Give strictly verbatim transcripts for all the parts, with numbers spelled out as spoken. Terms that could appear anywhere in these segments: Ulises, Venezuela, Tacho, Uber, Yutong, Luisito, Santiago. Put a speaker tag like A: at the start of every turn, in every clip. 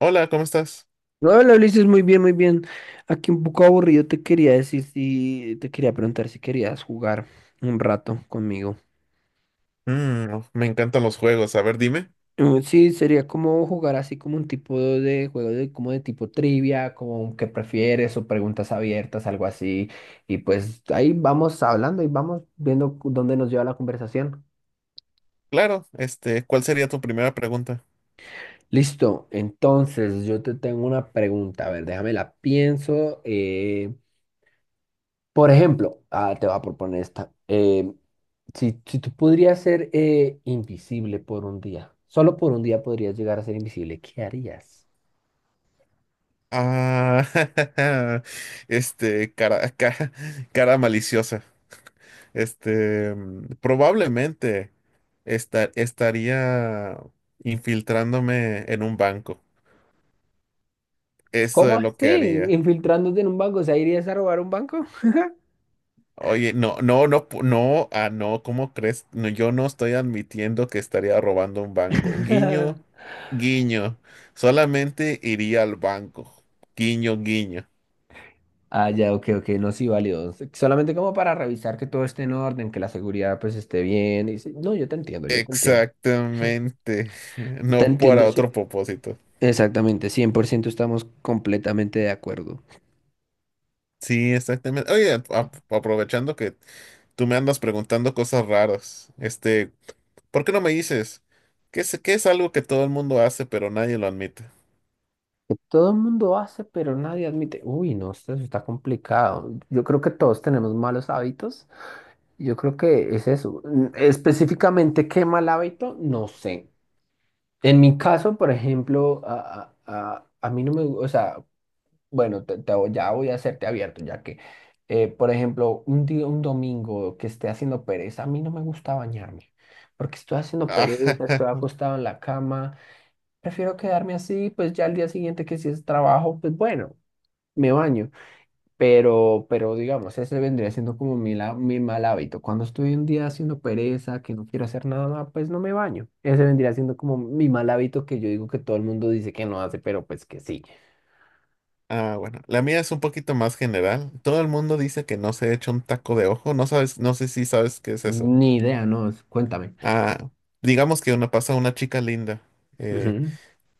A: Hola, ¿cómo estás?
B: No, hola Ulises, muy bien, muy bien. Aquí un poco aburrido te quería decir si te quería preguntar si querías jugar un rato conmigo.
A: Mm, uf, me encantan los juegos. A ver, dime.
B: Mm, Sí, sería como jugar así como un tipo de juego de como de tipo trivia, como que prefieres o preguntas abiertas, algo así. Y pues ahí vamos hablando y vamos viendo cu- dónde nos lleva la conversación.
A: Claro, este, ¿cuál sería tu primera pregunta?
B: Listo, entonces yo te tengo una pregunta. A ver, déjame la pienso. eh, Por ejemplo, ah, te voy a proponer esta. eh, si, si tú podrías ser eh, invisible por un día, solo por un día podrías llegar a ser invisible, ¿qué harías?
A: Ah, este, cara, cara, cara maliciosa. Este, mm, probablemente esta- estaría infiltrándome en un banco. Eso
B: ¿Cómo
A: es lo que
B: así?
A: haría.
B: ¿Infiltrándote en un banco? ¿O sea, irías a robar un banco?
A: Oye, no, no, no, pu- no, ah, no, ¿cómo crees? No, yo no estoy admitiendo que estaría robando un banco. Guiño, guiño. Solamente iría al banco. Guiño, guiño.
B: Ah, ya, ok, ok, no, sí, válido. S- Solamente como para revisar que todo esté en orden, que la seguridad pues esté bien. Y sí, no, yo te entiendo, yo te entiendo.
A: Exactamente.
B: Te
A: No
B: entiendo,
A: para
B: sí.
A: otro propósito.
B: Exactamente, cien por ciento. Estamos completamente de acuerdo.
A: Sí, exactamente. Oye, a- a- aprovechando que tú me andas preguntando cosas raras, este, ¿por qué no me dices? ¿Qué es, ¿qué es algo que todo el mundo hace pero nadie lo admite?
B: Que todo el mundo hace, pero nadie admite. Uy, no, esto está complicado. Yo creo que todos tenemos malos hábitos. Yo creo que es eso. Mm, Específicamente, ¿qué mal hábito? No sé. En mi caso, por ejemplo, a, a- a- a mí no me gusta, o sea, bueno, te- te voy- ya voy a hacerte abierto, ya que, eh, por ejemplo, un día, un domingo que esté haciendo pereza, a mí no me gusta bañarme, porque estoy haciendo pereza, estoy acostado en la cama, prefiero quedarme así, pues ya al día siguiente que si es trabajo, pues bueno. Me baño, pero, pero digamos, ese vendría siendo como mi, la- mi mal hábito. Cuando estoy un día haciendo pereza, que no quiero hacer nada, pues no me baño. Ese vendría siendo como mi mal hábito que yo digo que todo el mundo dice que no hace, pero pues que sí.
A: Ah, bueno, la mía es un poquito más general. Todo el mundo dice que no se echa un taco de ojo. No sabes, no sé si sabes qué es eso.
B: Ni idea, no, es- cuéntame.
A: Ah, digamos que una pasa una chica linda eh,
B: Ujú,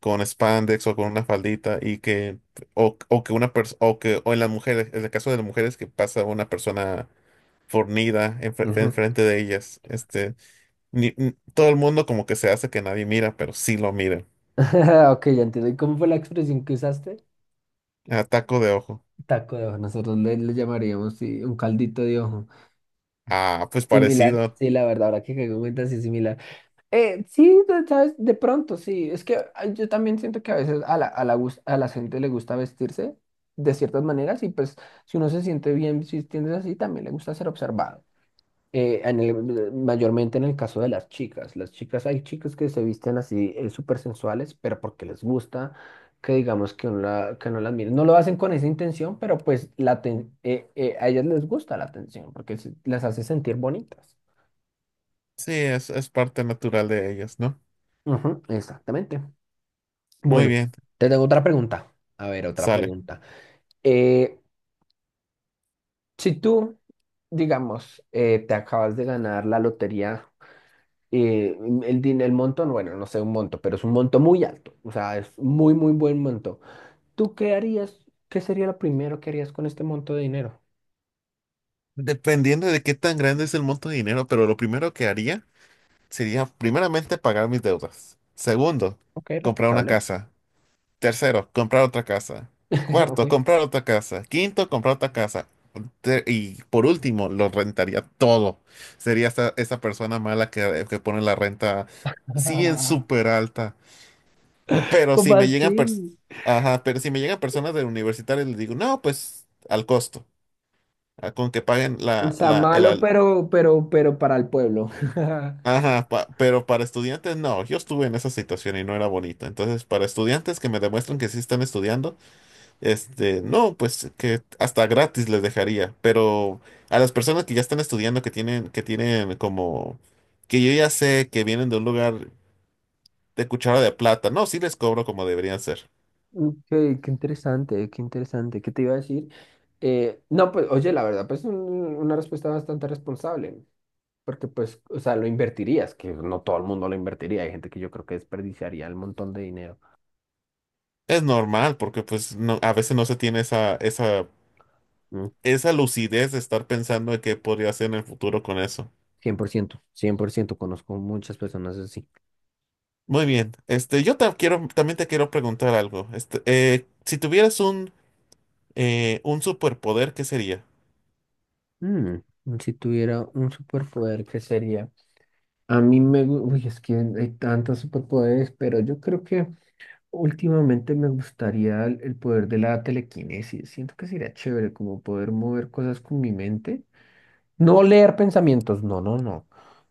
A: con spandex o con una faldita y que o, o que una persona o que o en las mujeres, en el caso de las mujeres que pasa una persona fornida enfre-
B: ujú.
A: enfrente de ellas. Este, ni- n- todo el mundo como que se hace que nadie mira, pero sí lo mira.
B: Ok, ya entiendo. ¿Y cómo fue la expresión que usaste?
A: Ah, taco de ojo.
B: Taco de ojo. Nosotros le, le llamaríamos sí, un caldito de ojo.
A: Ah, pues
B: Similar,
A: parecido.
B: sí, la verdad, ahora que caigo en cuenta, sí, similar. Eh, sí, de- sabes, de pronto sí. Es que ah, yo también siento que a veces a la, a la, gus- a la gente le gusta vestirse de ciertas maneras y pues si uno se siente bien vistiéndose así, también le gusta ser observado. Eh, en el- mayormente en el caso de las chicas. Las chicas, hay chicas que se visten así eh, súper sensuales, pero porque les gusta que digamos que uno, la, que no las mire. No lo hacen con esa intención, pero pues la aten- eh, eh, a ellas les gusta la atención porque se- las hace sentir bonitas.
A: Sí, es, es parte natural de ellas, ¿no?
B: Ujú, exactamente.
A: Muy
B: Bueno,
A: bien,
B: te tengo otra pregunta. A ver, otra
A: sale.
B: pregunta. Eh, si tú, digamos, eh, te acabas de ganar la lotería, eh, el, din- el monto, bueno, no sé un monto, pero es un monto muy alto, o sea, es muy, muy buen monto. ¿Tú qué harías? ¿Qué sería lo primero que harías con este monto de dinero?
A: Dependiendo de qué tan grande es el monto de dinero, pero lo primero que haría sería primeramente pagar mis deudas. Segundo,
B: Ok,
A: comprar una
B: responsable.
A: casa. Tercero, comprar otra casa.
B: Ok.
A: Cuarto, comprar otra casa. Quinto, comprar otra casa. Te- Y por último, lo rentaría todo. Sería esa, esa persona mala que, que pone la renta, sí, en súper alta. Pero
B: ¿Cómo
A: si me llegan, pers-
B: así?
A: Ajá, pero si me llegan personas de universitarios, les digo, no, pues al costo. Ah, Con que paguen
B: O
A: la,
B: sea,
A: la, el,
B: malo,
A: al-
B: pero, pero, pero para el pueblo.
A: Ajá, pa- pero para estudiantes no, yo estuve en esa situación y no era bonito. Entonces, para estudiantes que me demuestran que sí están estudiando, este, no, pues que hasta gratis les dejaría. Pero a las personas que ya están estudiando, que tienen, que tienen como, que yo ya sé que vienen de un lugar de cuchara de plata, no, sí les cobro como deberían ser.
B: Ok, qué interesante, qué interesante. ¿Qué te iba a decir? Eh, no, pues, oye, la verdad, pues un- una respuesta bastante responsable, porque pues, o sea, lo invertirías, que no todo el mundo lo invertiría. Hay gente que yo creo que desperdiciaría el montón de dinero.
A: Es normal, porque pues no, a veces no se tiene esa, esa,
B: Mm,
A: esa lucidez de estar pensando en qué podría hacer en el futuro con eso.
B: Cien por ciento. Cien por ciento, conozco muchas personas así.
A: Muy bien. Este, yo ta- quiero, también te quiero preguntar algo. Este, eh, Si tuvieras un, eh, un superpoder, ¿qué sería?
B: Mm, si tuviera un superpoder, ¿qué sería? A mí me, gu- uy, es que hay tantos superpoderes, pero yo creo que últimamente me gustaría el, el poder de la telequinesis. Siento que sería chévere como poder mover cosas con mi mente. No leer pensamientos, no, no, no.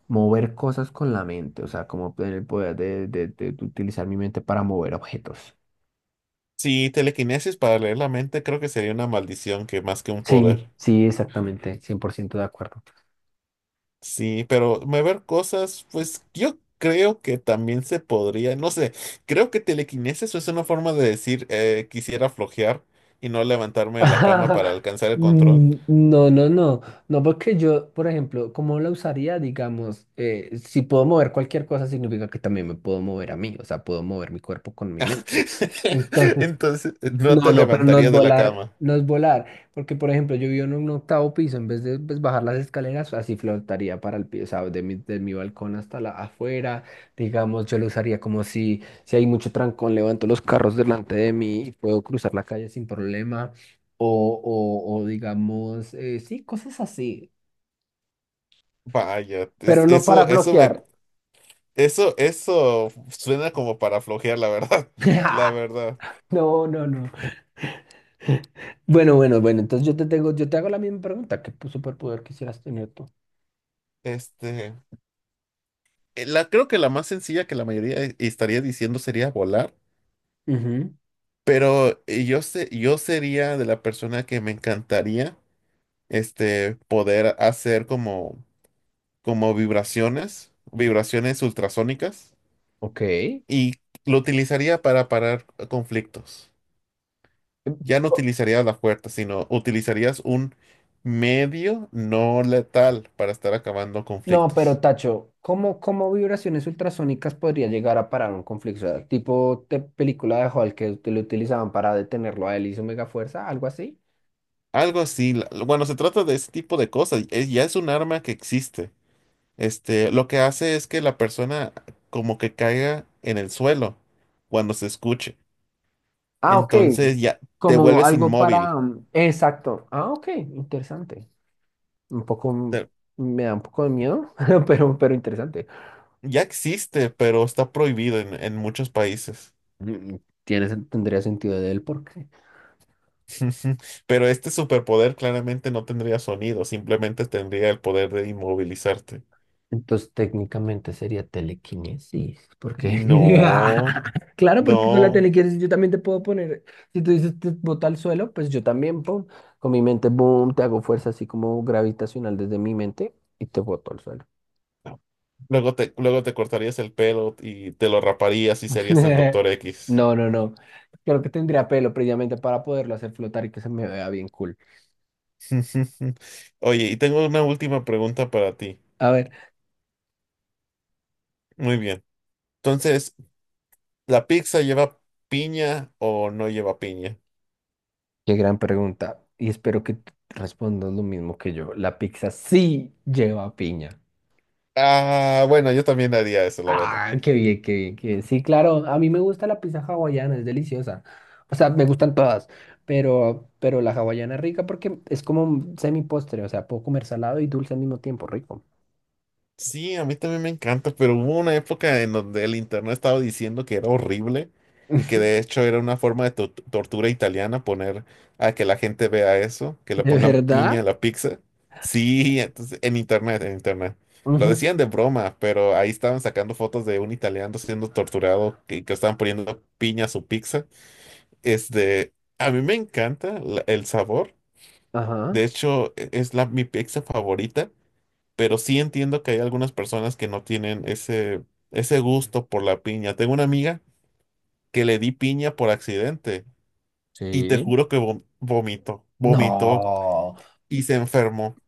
B: Mover cosas con la mente, o sea, como tener el poder de, de- de de utilizar mi mente para mover objetos.
A: Si telequinesis para leer la mente, creo que sería una maldición que más que un poder.
B: Sí, sí, exactamente, cien por ciento de acuerdo.
A: Sí, pero mover cosas, pues yo creo que también se podría, no sé, creo que telequinesis es una forma de decir eh, quisiera flojear y no levantarme de la cama para alcanzar el control.
B: Mm, No, no, no, no, porque yo, por ejemplo, ¿cómo la usaría? Digamos, eh, si puedo mover cualquier cosa, significa que también me puedo mover a mí, o sea, puedo mover mi cuerpo con mi mente. Entonces,
A: Entonces, no
B: no,
A: te
B: no, pero no es
A: levantarías de la
B: volar,
A: cama.
B: no es volar, porque por ejemplo yo vivo en un octavo piso, en vez de pues, bajar las escaleras, así flotaría para el piso, o sea, de mi, de mi balcón hasta la afuera, digamos, yo lo usaría como si, si hay mucho trancón, levanto los carros delante de mí y puedo cruzar la calle sin problema, o, o, o digamos, eh, sí, cosas así,
A: Vaya, es-
B: pero no para
A: eso, eso me,
B: bloquear.
A: eso, eso suena como para flojear, la verdad, la verdad.
B: No, no, no. Bueno, bueno, bueno, entonces yo te tengo, yo te hago la misma pregunta, ¿qué pu- superpoder quisieras tener tú?
A: Este, eh, la, Creo que la más sencilla que la mayoría estaría diciendo sería volar.
B: Ujú.
A: Pero eh, yo sé, yo sería de la persona que me encantaría este poder hacer como, como vibraciones, vibraciones ultrasónicas,
B: Ok. Eh,
A: y lo utilizaría para parar conflictos. Ya no
B: o-
A: utilizaría la fuerza, sino utilizarías un medio no letal para estar acabando
B: No, pero
A: conflictos.
B: Tacho, ¿cómo, cómo vibraciones ultrasónicas podría llegar a parar un conflicto? O sea, tipo de película de Hulk que ut- lo utilizaban para detenerlo a él y su mega fuerza, algo así.
A: Algo así. la- Bueno, se trata de ese tipo de cosas. eh, Ya es un arma que existe. Este, lo que hace es que la persona como que caiga en el suelo cuando se escuche.
B: Ah, ok.
A: Entonces ya te
B: Como
A: vuelves
B: algo para...
A: inmóvil.
B: mm, Exacto. Ah, ok. Interesante. Un poco... mm,
A: Te-
B: Me da un poco de miedo, pero, pero interesante.
A: ya existe, pero está prohibido en, en muchos países.
B: Mm, Tiene, sen- tendría sentido del por qué.
A: Pero este superpoder claramente no tendría sonido, simplemente tendría el poder de inmovilizarte.
B: Entonces técnicamente sería telequinesis, porque.
A: No,
B: Claro, porque con la
A: no,
B: telequinesis yo también te puedo poner, si tú dices te bota al suelo, pues yo también, pum, con mi mente, boom, te hago fuerza así como gravitacional desde mi mente y te boto al suelo.
A: no. Luego te, luego te cortarías el pelo y te lo raparías y serías el Doctor X.
B: No, no, no. Creo que tendría pelo previamente para poderlo hacer flotar y que se me vea bien cool.
A: Oye, y tengo una última pregunta para ti.
B: A ver,
A: Muy bien. Entonces, ¿la pizza lleva piña o no lleva piña?
B: qué gran pregunta. Y espero que t- respondas lo mismo que yo. La pizza sí lleva piña.
A: Ah, bueno, yo también haría eso, la verdad.
B: Ah, qué bien, qué bien, qué bien. Sí, claro, a mí me gusta la pizza hawaiana, es deliciosa. O sea, me gustan todas, pero, pero la hawaiana es rica porque es como un semi postre, o sea, puedo comer salado y dulce al mismo tiempo, rico.
A: Sí, a mí también me encanta, pero hubo una época en donde el internet estaba diciendo que era horrible y que de hecho era una forma de to- tortura italiana poner a que la gente vea eso, que le
B: ¿De
A: pongan piña
B: verdad?
A: a la pizza. Sí, entonces en internet, en internet. Lo
B: Ujú.
A: decían de broma, pero ahí estaban sacando fotos de un italiano siendo torturado que, que estaban poniendo piña a su pizza. Este, a mí me encanta la- el sabor.
B: Ajá.
A: De hecho, e- es la, mi pizza favorita, pero sí entiendo que hay algunas personas que no tienen ese, ese gusto por la piña. Tengo una amiga que le di piña por accidente y te
B: Sí.
A: juro que vom- vomitó, vomitó
B: No.
A: y se enfermó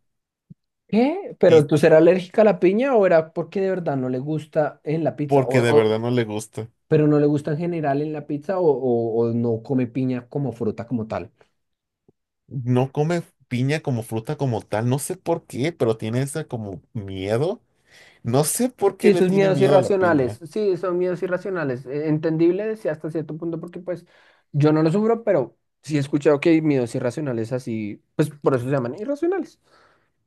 B: ¿Qué? ¿Pero
A: y
B: tú serás alérgica a la piña o era porque de verdad no le gusta en la pizza? O,
A: porque de
B: o-
A: verdad no le gusta.
B: ¿pero no le gusta en general en la pizza o, o, o no come piña como fruta como tal?
A: No come piña como fruta como tal, no sé por qué, pero tiene esa como miedo. No sé por qué
B: Sí,
A: le
B: sus
A: tiene
B: miedos
A: miedo a la
B: irracionales.
A: piña.
B: Sí, son miedos irracionales. Eh, Entendible, sí, hasta cierto punto, porque pues yo no lo sufro, pero sí he escuchado que hay miedos irracionales así, pues por eso se llaman irracionales.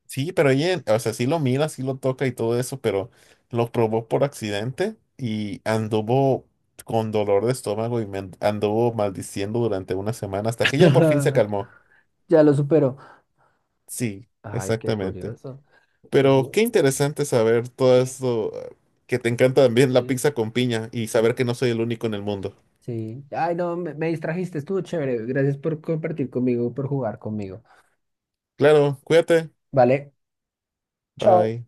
A: Sí, pero ella, o sea, sí lo mira, sí lo toca y todo eso, pero lo probó por accidente y anduvo con dolor de estómago y men- anduvo maldiciendo durante una semana hasta que ya por fin se calmó.
B: Ya lo supero.
A: Sí,
B: Ay, qué
A: exactamente.
B: curioso.
A: Pero
B: Bu-
A: qué interesante saber todo
B: Sí,
A: esto, eh, que te encanta también la
B: sí,
A: pizza con piña y saber que
B: sí,
A: no soy el único en el mundo.
B: sí. Ay, no, me, me distrajiste, estuvo chévere. Gracias por compartir conmigo, por jugar conmigo.
A: Claro, cuídate.
B: Vale, chao.
A: Bye.